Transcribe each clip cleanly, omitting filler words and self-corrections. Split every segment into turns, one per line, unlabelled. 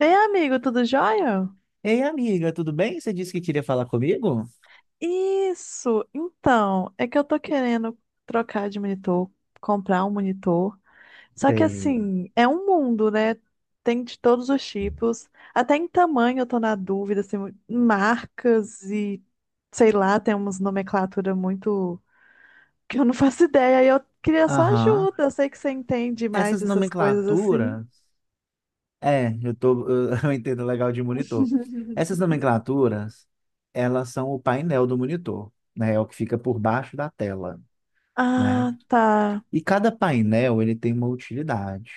Ei, amigo, tudo jóia?
Ei, amiga, tudo bem? Você disse que queria falar comigo?
Isso! Então, é que eu tô querendo trocar de monitor, comprar um monitor. Só que
Sei.
assim, é um mundo, né? Tem de todos os tipos. Até em tamanho eu tô na dúvida, assim, marcas e sei lá, tem umas nomenclatura muito que eu não faço ideia. E eu queria só
Aham.
ajuda. Eu sei que você entende
Essas
mais essas coisas assim.
nomenclaturas. É, eu tô, eu entendo legal de monitor. Essas nomenclaturas, elas são o painel do monitor, né? É o que fica por baixo da tela, né?
Ah, tá.
E cada painel, ele tem uma utilidade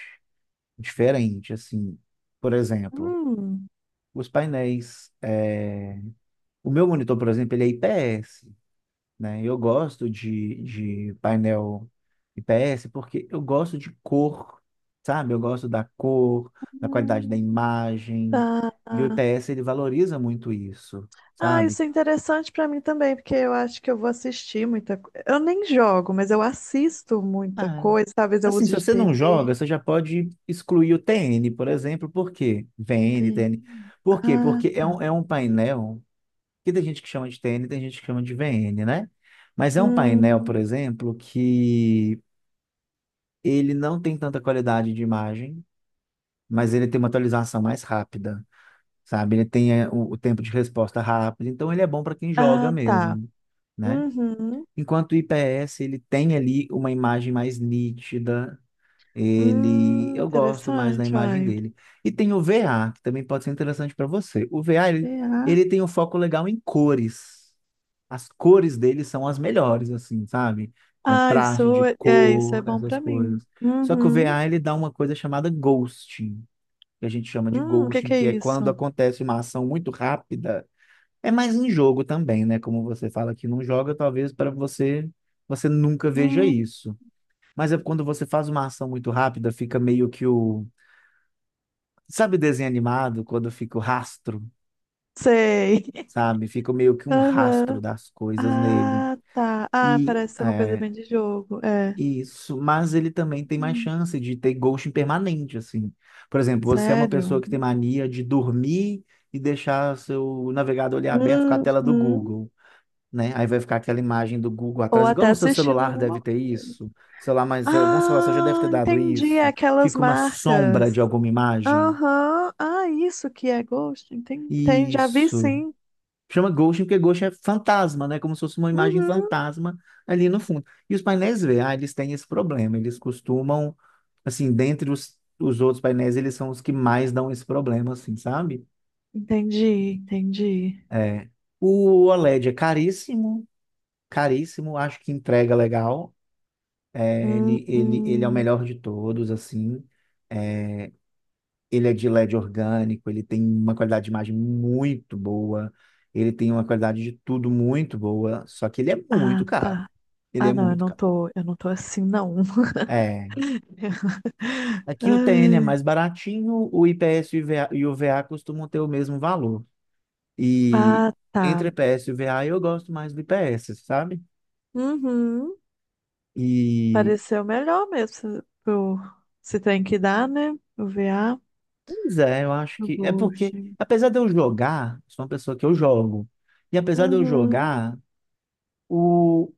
diferente, assim. Por exemplo,
Hum.
os painéis, o meu monitor, por exemplo, ele é IPS, né? Eu gosto de painel IPS porque eu gosto de cor, sabe? Eu gosto da cor, da qualidade da
Hum,
imagem, e o
tá.
IPS ele valoriza muito isso,
Ah,
sabe?
isso é interessante pra mim também, porque eu acho que eu vou assistir muita coisa. Eu nem jogo, mas eu assisto muita
Ah,
coisa. Talvez eu
assim, se
use de
você não joga,
TV.
você já pode excluir o TN, por exemplo. Por quê? VN,
Tem-
TN. Por quê?
Ah,
Porque é um painel que tem gente que chama de TN, tem gente que chama de VN, né? Mas é um painel, por
hum,
exemplo, que ele não tem tanta qualidade de imagem, mas ele tem uma atualização mais rápida, sabe? Ele tem o tempo de resposta rápido, então ele é bom para quem joga
ah, tá.
mesmo, né?
Uhum.
Enquanto o IPS, ele tem ali uma imagem mais nítida, ele, eu gosto mais da
Interessante,
imagem
olha.
dele. E tem o VA, que também pode ser interessante para você. O VA, ele,
É,
ele tem um foco legal em cores. As cores dele são as melhores, assim, sabe?
Ah,
Contraste
isso
de
é, é, isso é
cor,
bom
essas
pra mim.
coisas. Só que o
Uhum.
VA, ele dá uma coisa chamada ghosting, que a gente chama de
O que
ghosting,
que é
que é quando
isso?
acontece uma ação muito rápida. É mais em jogo também, né? Como você fala que não joga, talvez para você nunca veja
Hum,
isso. Mas é quando você faz uma ação muito rápida, fica meio que o. Sabe desenho animado, quando fica o rastro,
sei.
sabe? Fica meio que um rastro
Aham.
das coisas nele.
Ah, tá. Ah,
E
parece ser uma coisa
é,
bem de jogo. É.
Isso, mas ele também tem mais
Hum,
chance de ter ghosting permanente, assim. Por exemplo, você é uma pessoa
sério?
que tem mania de dormir e deixar seu navegador ali aberto com a tela do
Uhum.
Google, né? Aí vai ficar aquela imagem do Google
Ou
atrás, igual
até
no seu
assistindo
celular deve
alguma
ter
coisa.
isso, sei lá, mas algum celular já deve ter
Ah,
dado
entendi. É
isso.
aquelas
Fica uma sombra
marcas.
de alguma imagem.
Aham. Ah, isso que é Ghost. Entendi. Já vi
Isso.
sim.
Chama Ghost porque Ghost é fantasma, né? Como se fosse uma imagem
Uhum.
fantasma ali no fundo. E os painéis VA, eles têm esse problema. Eles costumam, assim, dentre os outros painéis, eles são os que mais dão esse problema, assim, sabe?
Entendi, entendi.
É. O OLED é caríssimo, caríssimo. Acho que entrega legal. É,
Hum,
ele é o
hum.
melhor de todos, assim. Ele é de LED orgânico, ele tem uma qualidade de imagem muito boa, ele tem uma qualidade de tudo muito boa, só que ele é muito
Ah,
caro.
tá.
Ele
Ah,
é
não, eu
muito
não
caro.
tô, eu não tô assim, não.
É. Aqui o TN é
Ai.
mais baratinho, o IPS e o VA costumam ter o mesmo valor. E
Ah, tá.
entre IPS e o VA eu gosto mais do IPS, sabe?
Uhum.
E,
Pareceu melhor mesmo se, pro, se tem que dar, né? O VA,
Pois é, eu acho
o
que é
Ghost.
porque, apesar de eu jogar, sou uma pessoa que eu jogo, e apesar de eu
Uhum.
jogar, o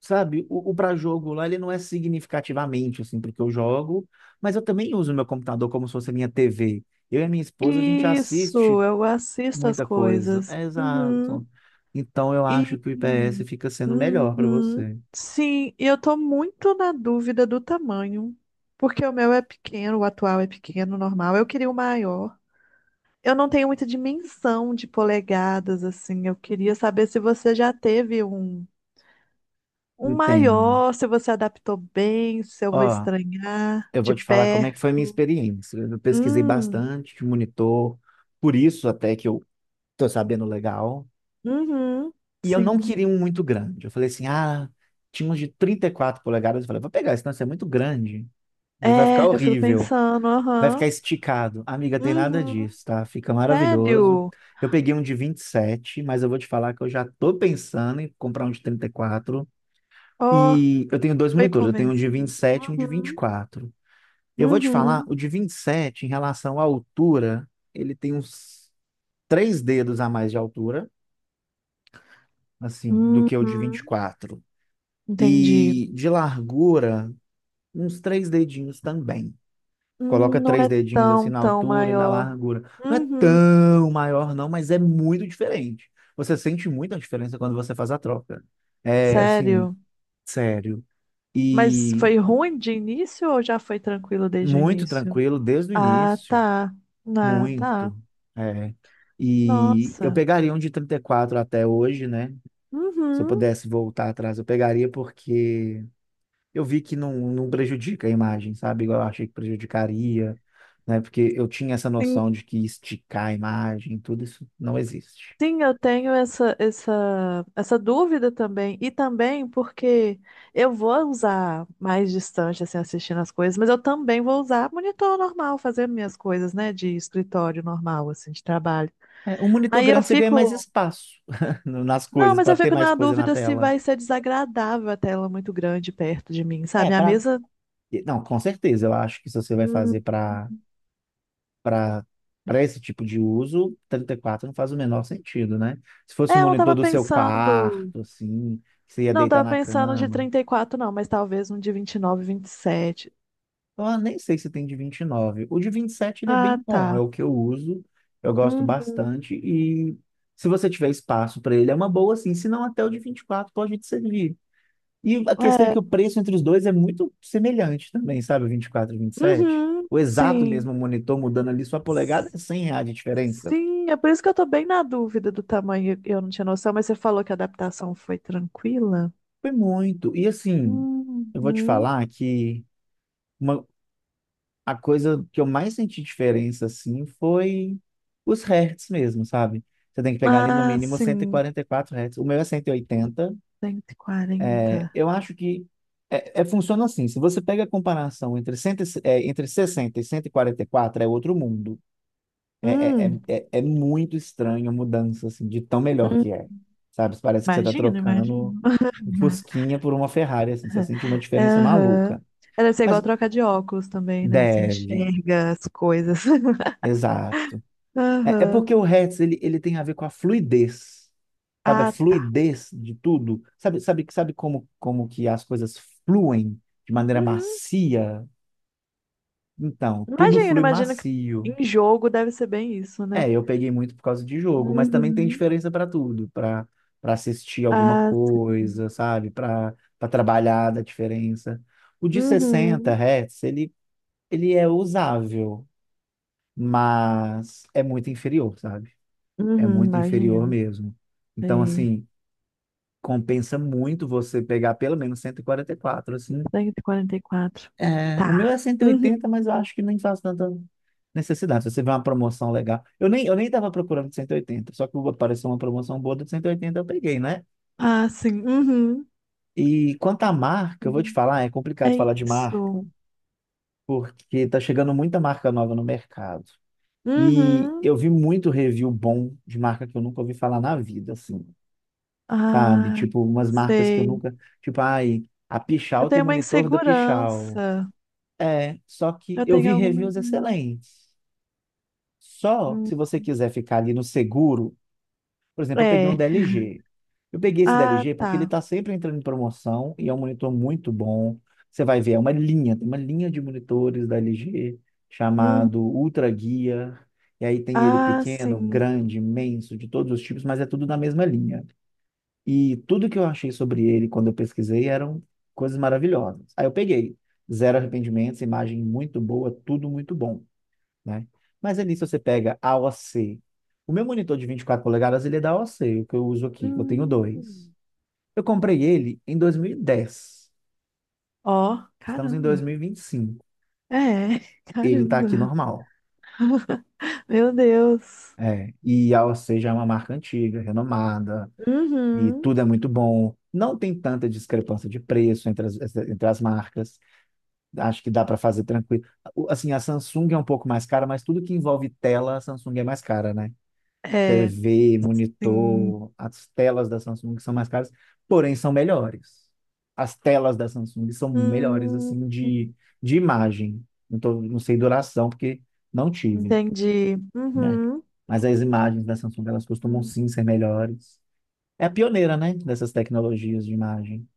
Sabe, o pré-jogo lá, ele não é significativamente, assim, porque eu jogo, mas eu também uso meu computador como se fosse minha TV. Eu e a minha esposa, a gente
Isso,
assiste
eu assisto as
muita coisa.
coisas.
É,
Uhum.
exato. Então, eu
E
acho que o IPS fica sendo melhor para
uhum.
você.
Sim, e eu tô muito na dúvida do tamanho, porque o meu é pequeno, o atual é pequeno, normal. Eu queria o maior. Eu não tenho muita dimensão de polegadas assim. Eu queria saber se você já teve um
Entenda.
maior, se você adaptou bem, se eu vou
Ó,
estranhar
eu vou
de
te falar como é que foi a minha
perto.
experiência. Eu pesquisei
Hum,
bastante de monitor, por isso até que eu tô sabendo legal.
uhum,
E eu não
sim.
queria um muito grande. Eu falei assim, tinha uns de 34 polegadas. Eu falei, vou pegar, senão isso é muito grande. Vai
É,
ficar
eu fico
horrível.
pensando,
Vai ficar
aham.
esticado. Amiga, tem nada
Uhum.
disso, tá? Fica maravilhoso.
Sério?
Eu peguei um de 27, mas eu vou te falar que eu já tô pensando em comprar um de 34.
Ó,
E eu tenho dois
foi
monitores, eu tenho um de vinte e
convencido.
sete, e um de vinte E
Uhum.
quatro. Eu vou te falar,
Uhum.
o de 27, em relação à altura, ele tem uns três dedos a mais de altura, assim, do que o de vinte e
Uhum.
quatro.
Entendi.
E de largura, uns três dedinhos também. Coloca
Não
três
é
dedinhos assim
tão,
na
tão
altura e na
maior.
largura. Não é
Uhum.
tão maior, não, mas é muito diferente. Você sente muita diferença quando você faz a troca. É assim,
Sério?
sério.
Mas
E
foi ruim de início ou já foi tranquilo desde o
muito
início?
tranquilo desde o
Ah,
início.
tá. Ah, tá.
Muito. É. E eu
Nossa.
pegaria um de 34 até hoje, né? Se eu
Uhum.
pudesse voltar atrás, eu pegaria porque eu vi que não, não prejudica a imagem, sabe? Igual eu achei que prejudicaria, né? Porque eu tinha essa noção de que esticar a imagem, tudo isso não existe.
Sim, eu tenho essa dúvida também. E também porque eu vou usar mais distante, assim, assistindo as coisas, mas eu também vou usar monitor normal, fazer minhas coisas, né, de escritório normal, assim, de trabalho.
É, um monitor
Aí eu
grande você ganha mais
fico.
espaço nas
Não,
coisas,
mas eu
para ter
fico
mais
na
coisa na
dúvida se
tela.
vai ser desagradável a tela muito grande perto de mim,
É,
sabe? A
para.
mesa.
Não, com certeza, eu acho que se você vai
Hum,
fazer para para esse tipo de uso, 34 não faz o menor sentido, né? Se fosse um
é, eu não
monitor
tava
do seu
pensando.
quarto, assim, que você ia
Não,
deitar
tava
na
pensando de
cama.
34 não, mas talvez um de vinte e nove, vinte e sete.
Ah, nem sei se tem de 29. O de 27 ele é
Ah,
bem
tá.
bom, é o que eu uso, eu gosto
Uhum.
bastante, e se você tiver espaço para ele é uma boa, sim, se não até o de 24 pode te servir. E a questão é que
É.
o preço entre os dois é muito semelhante também, sabe, o 24 e o 27.
Uhum,
O exato
sim.
mesmo monitor mudando ali sua polegada
S-
é 100 reais de diferença.
Sim, é por isso que eu tô bem na dúvida do tamanho. Eu não tinha noção, mas você falou que a adaptação foi tranquila?
Foi muito. E assim, eu vou te
Uhum.
falar que uma, a coisa que eu mais senti diferença, assim, foi os hertz mesmo, sabe? Você tem que pegar ali no
Ah,
mínimo cento e
sim,
quarenta e quatro hertz. O meu é 180.
cento e
É,
quarenta.
eu acho que funciona assim. Se você pega a comparação entre, cento, e se- é, entre 60 e 144, é outro mundo. É, é,
Hum,
é, é é muito estranho a mudança, assim, de tão melhor
hum.
que é. Sabe? Parece que você está
Imagino,
trocando
imagino.
um Fusquinha por uma Ferrari, assim. Você sente uma diferença
Aham.
maluca.
É, deve ser igual
Mas
trocar de óculos também, né? Você
deve,
enxerga as coisas.
exato. É
Aham.
porque o hertz ele tem a ver com a fluidez, sabe? A
Ah, tá.
fluidez de tudo. Sabe como que as coisas fluem de maneira
Uhum.
macia? Então, tudo
Imagino,
flui
imagino que
macio.
em jogo deve ser bem isso, né?
É, eu peguei muito por causa de jogo, mas também tem
Uhum.
diferença para tudo, para assistir alguma
Ah, sim.
coisa, sabe? Para trabalhar da diferença. O de 60
Uhum.
hertz, ele é usável, mas é muito inferior, sabe? É
Uhum,
muito inferior
imagino.
mesmo. Então,
Sei.
assim, compensa muito você pegar pelo menos cento e quarenta e quatro, assim.
144.
É, o meu
Tá.
é cento e
Uhum.
oitenta, mas eu acho que nem faz tanta necessidade. Se você vê uma promoção legal. Eu nem estava procurando de 180. Só que apareceu uma promoção boa de 180, eu peguei, né?
Ah, sim. Uhum.
E quanto à marca, eu vou te
Uhum.
falar, é
É
complicado falar de marca,
isso.
porque tá chegando muita marca nova no mercado. E
Uhum.
eu vi muito review bom de marca que eu nunca ouvi falar na vida, assim, sabe?
Ah,
Tipo, umas marcas que eu
sei.
nunca. Tipo, ai, a
Eu
Pichal tem
tenho uma
monitor da Pichal.
insegurança.
É, só que
Eu
eu vi
tenho alguma.
reviews excelentes. Só que
Hum.
se você quiser ficar ali no seguro, por exemplo, eu peguei um
É.
da LG. Eu peguei esse da
Ah,
LG porque ele
tá.
está sempre entrando em promoção e é um monitor muito bom. Você vai ver, é uma linha, tem uma linha de monitores da LG
Uhum.
chamado Ultra Gear. E aí tem ele
Ah,
pequeno,
sim.
grande, imenso, de todos os tipos, mas é tudo na mesma linha. E tudo que eu achei sobre ele quando eu pesquisei eram coisas maravilhosas. Aí eu peguei. Zero arrependimentos, imagem muito boa, tudo muito bom, né? Mas ali, se você pega AOC, o C, o meu monitor de 24 polegadas, ele é da AOC, o C, o que eu uso aqui, eu tenho dois.
Hum.
Eu comprei ele em 2010.
Ó,
Estamos em
caramba.
2025.
É,
Ele está aqui
caramba.
normal.
Meu Deus.
É, e a AOC já é uma marca antiga, renomada, e
Uhum.
tudo é muito bom. Não tem tanta discrepância de preço entre as marcas. Acho que dá para fazer tranquilo. Assim, a Samsung é um pouco mais cara, mas tudo que envolve tela, a Samsung é mais cara, né?
É.
TV,
Sim.
monitor, as telas da Samsung são mais caras, porém são melhores. As telas da Samsung são melhores,
Hum,
assim, de imagem. Não tô, não sei duração, porque não tive,
entendi.
né?
Uhum.
Mas as imagens da Samsung, elas costumam
Hum.
sim ser melhores. É a pioneira, né? Dessas tecnologias de imagem.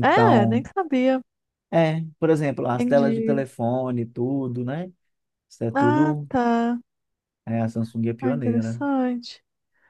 É, nem sabia.
é, por exemplo, as telas de
Entendi.
telefone, tudo, né? Isso é
Ah,
tudo.
tá.
É, a Samsung é
Ah,
pioneira.
interessante.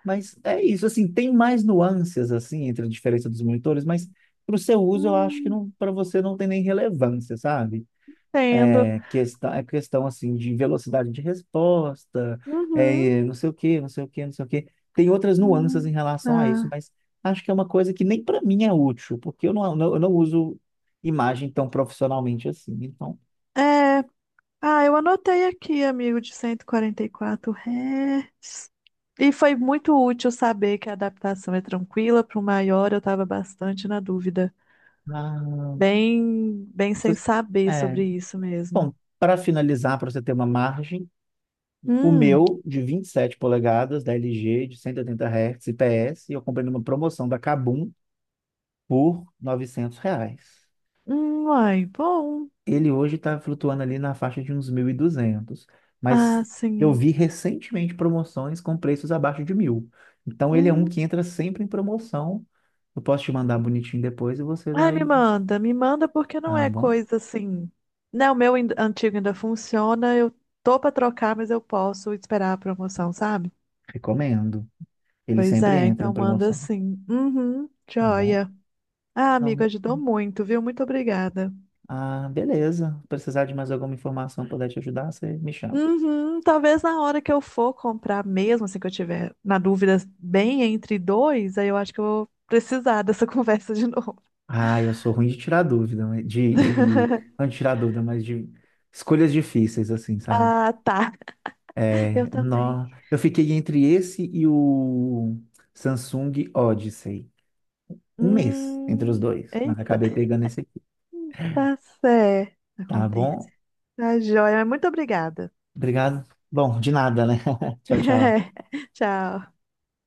Mas é isso, assim, tem mais nuances, assim, entre a diferença dos monitores, mas para o seu uso, eu acho que
Hum,
não, para você não tem nem relevância, sabe?
entendo.
É questão, assim, de velocidade de resposta,
Uhum.
é, não sei o quê, não sei o quê, não sei o quê. Tem outras nuances em
Hum,
relação a isso,
tá.
mas acho que é uma coisa que nem para mim é útil, porque eu não uso imagem tão profissionalmente assim. Então,
É. Ah, eu anotei aqui, amigo, de 144 Hz. E foi muito útil saber que a adaptação é tranquila. Para o maior, eu estava bastante na dúvida.
ah,
Bem, bem sem
se-
saber
é.
sobre isso mesmo.
Bom, para finalizar, para você ter uma margem, o
Hum.
meu de 27 polegadas, da LG, de 180 Hz, IPS, eu comprei numa promoção da Kabum por R$ 900.
Ai, bom.
Ele hoje está flutuando ali na faixa de uns 1.200,
Ah,
mas eu
sim.
vi recentemente promoções com preços abaixo de 1.000. Então ele é um
Hum.
que entra sempre em promoção. Eu posso te mandar bonitinho depois e você
Ai,
vai.
me manda porque não
Ah,
é
bom,
coisa assim. Não, antigo ainda funciona, eu tô pra trocar, mas eu posso esperar a promoção, sabe?
recomendo. Ele
Pois
sempre
é,
entra em
então manda
promoção,
sim. Uhum,
tá bom?
joia. Ah, amigo,
Não,
ajudou muito, viu? Muito obrigada.
ah, beleza. Se precisar de mais alguma informação, puder te ajudar, você me chama.
Uhum, talvez na hora que eu for comprar mesmo, assim que eu tiver na dúvida bem entre dois, aí eu acho que eu vou precisar dessa conversa de novo.
Ah, eu sou ruim de tirar dúvida, não de tirar dúvida, mas de escolhas difíceis, assim, sabe?
Ah, tá. Eu
É,
também.
nó. Eu fiquei entre esse e o Samsung Odyssey. Um mês entre os dois, mas
Eita,
acabei pegando esse aqui,
tá certo.
tá
Acontece.
bom?
Tá joia, mas muito obrigada.
Obrigado. Bom, de nada, né? Tchau, tchau.
Tchau.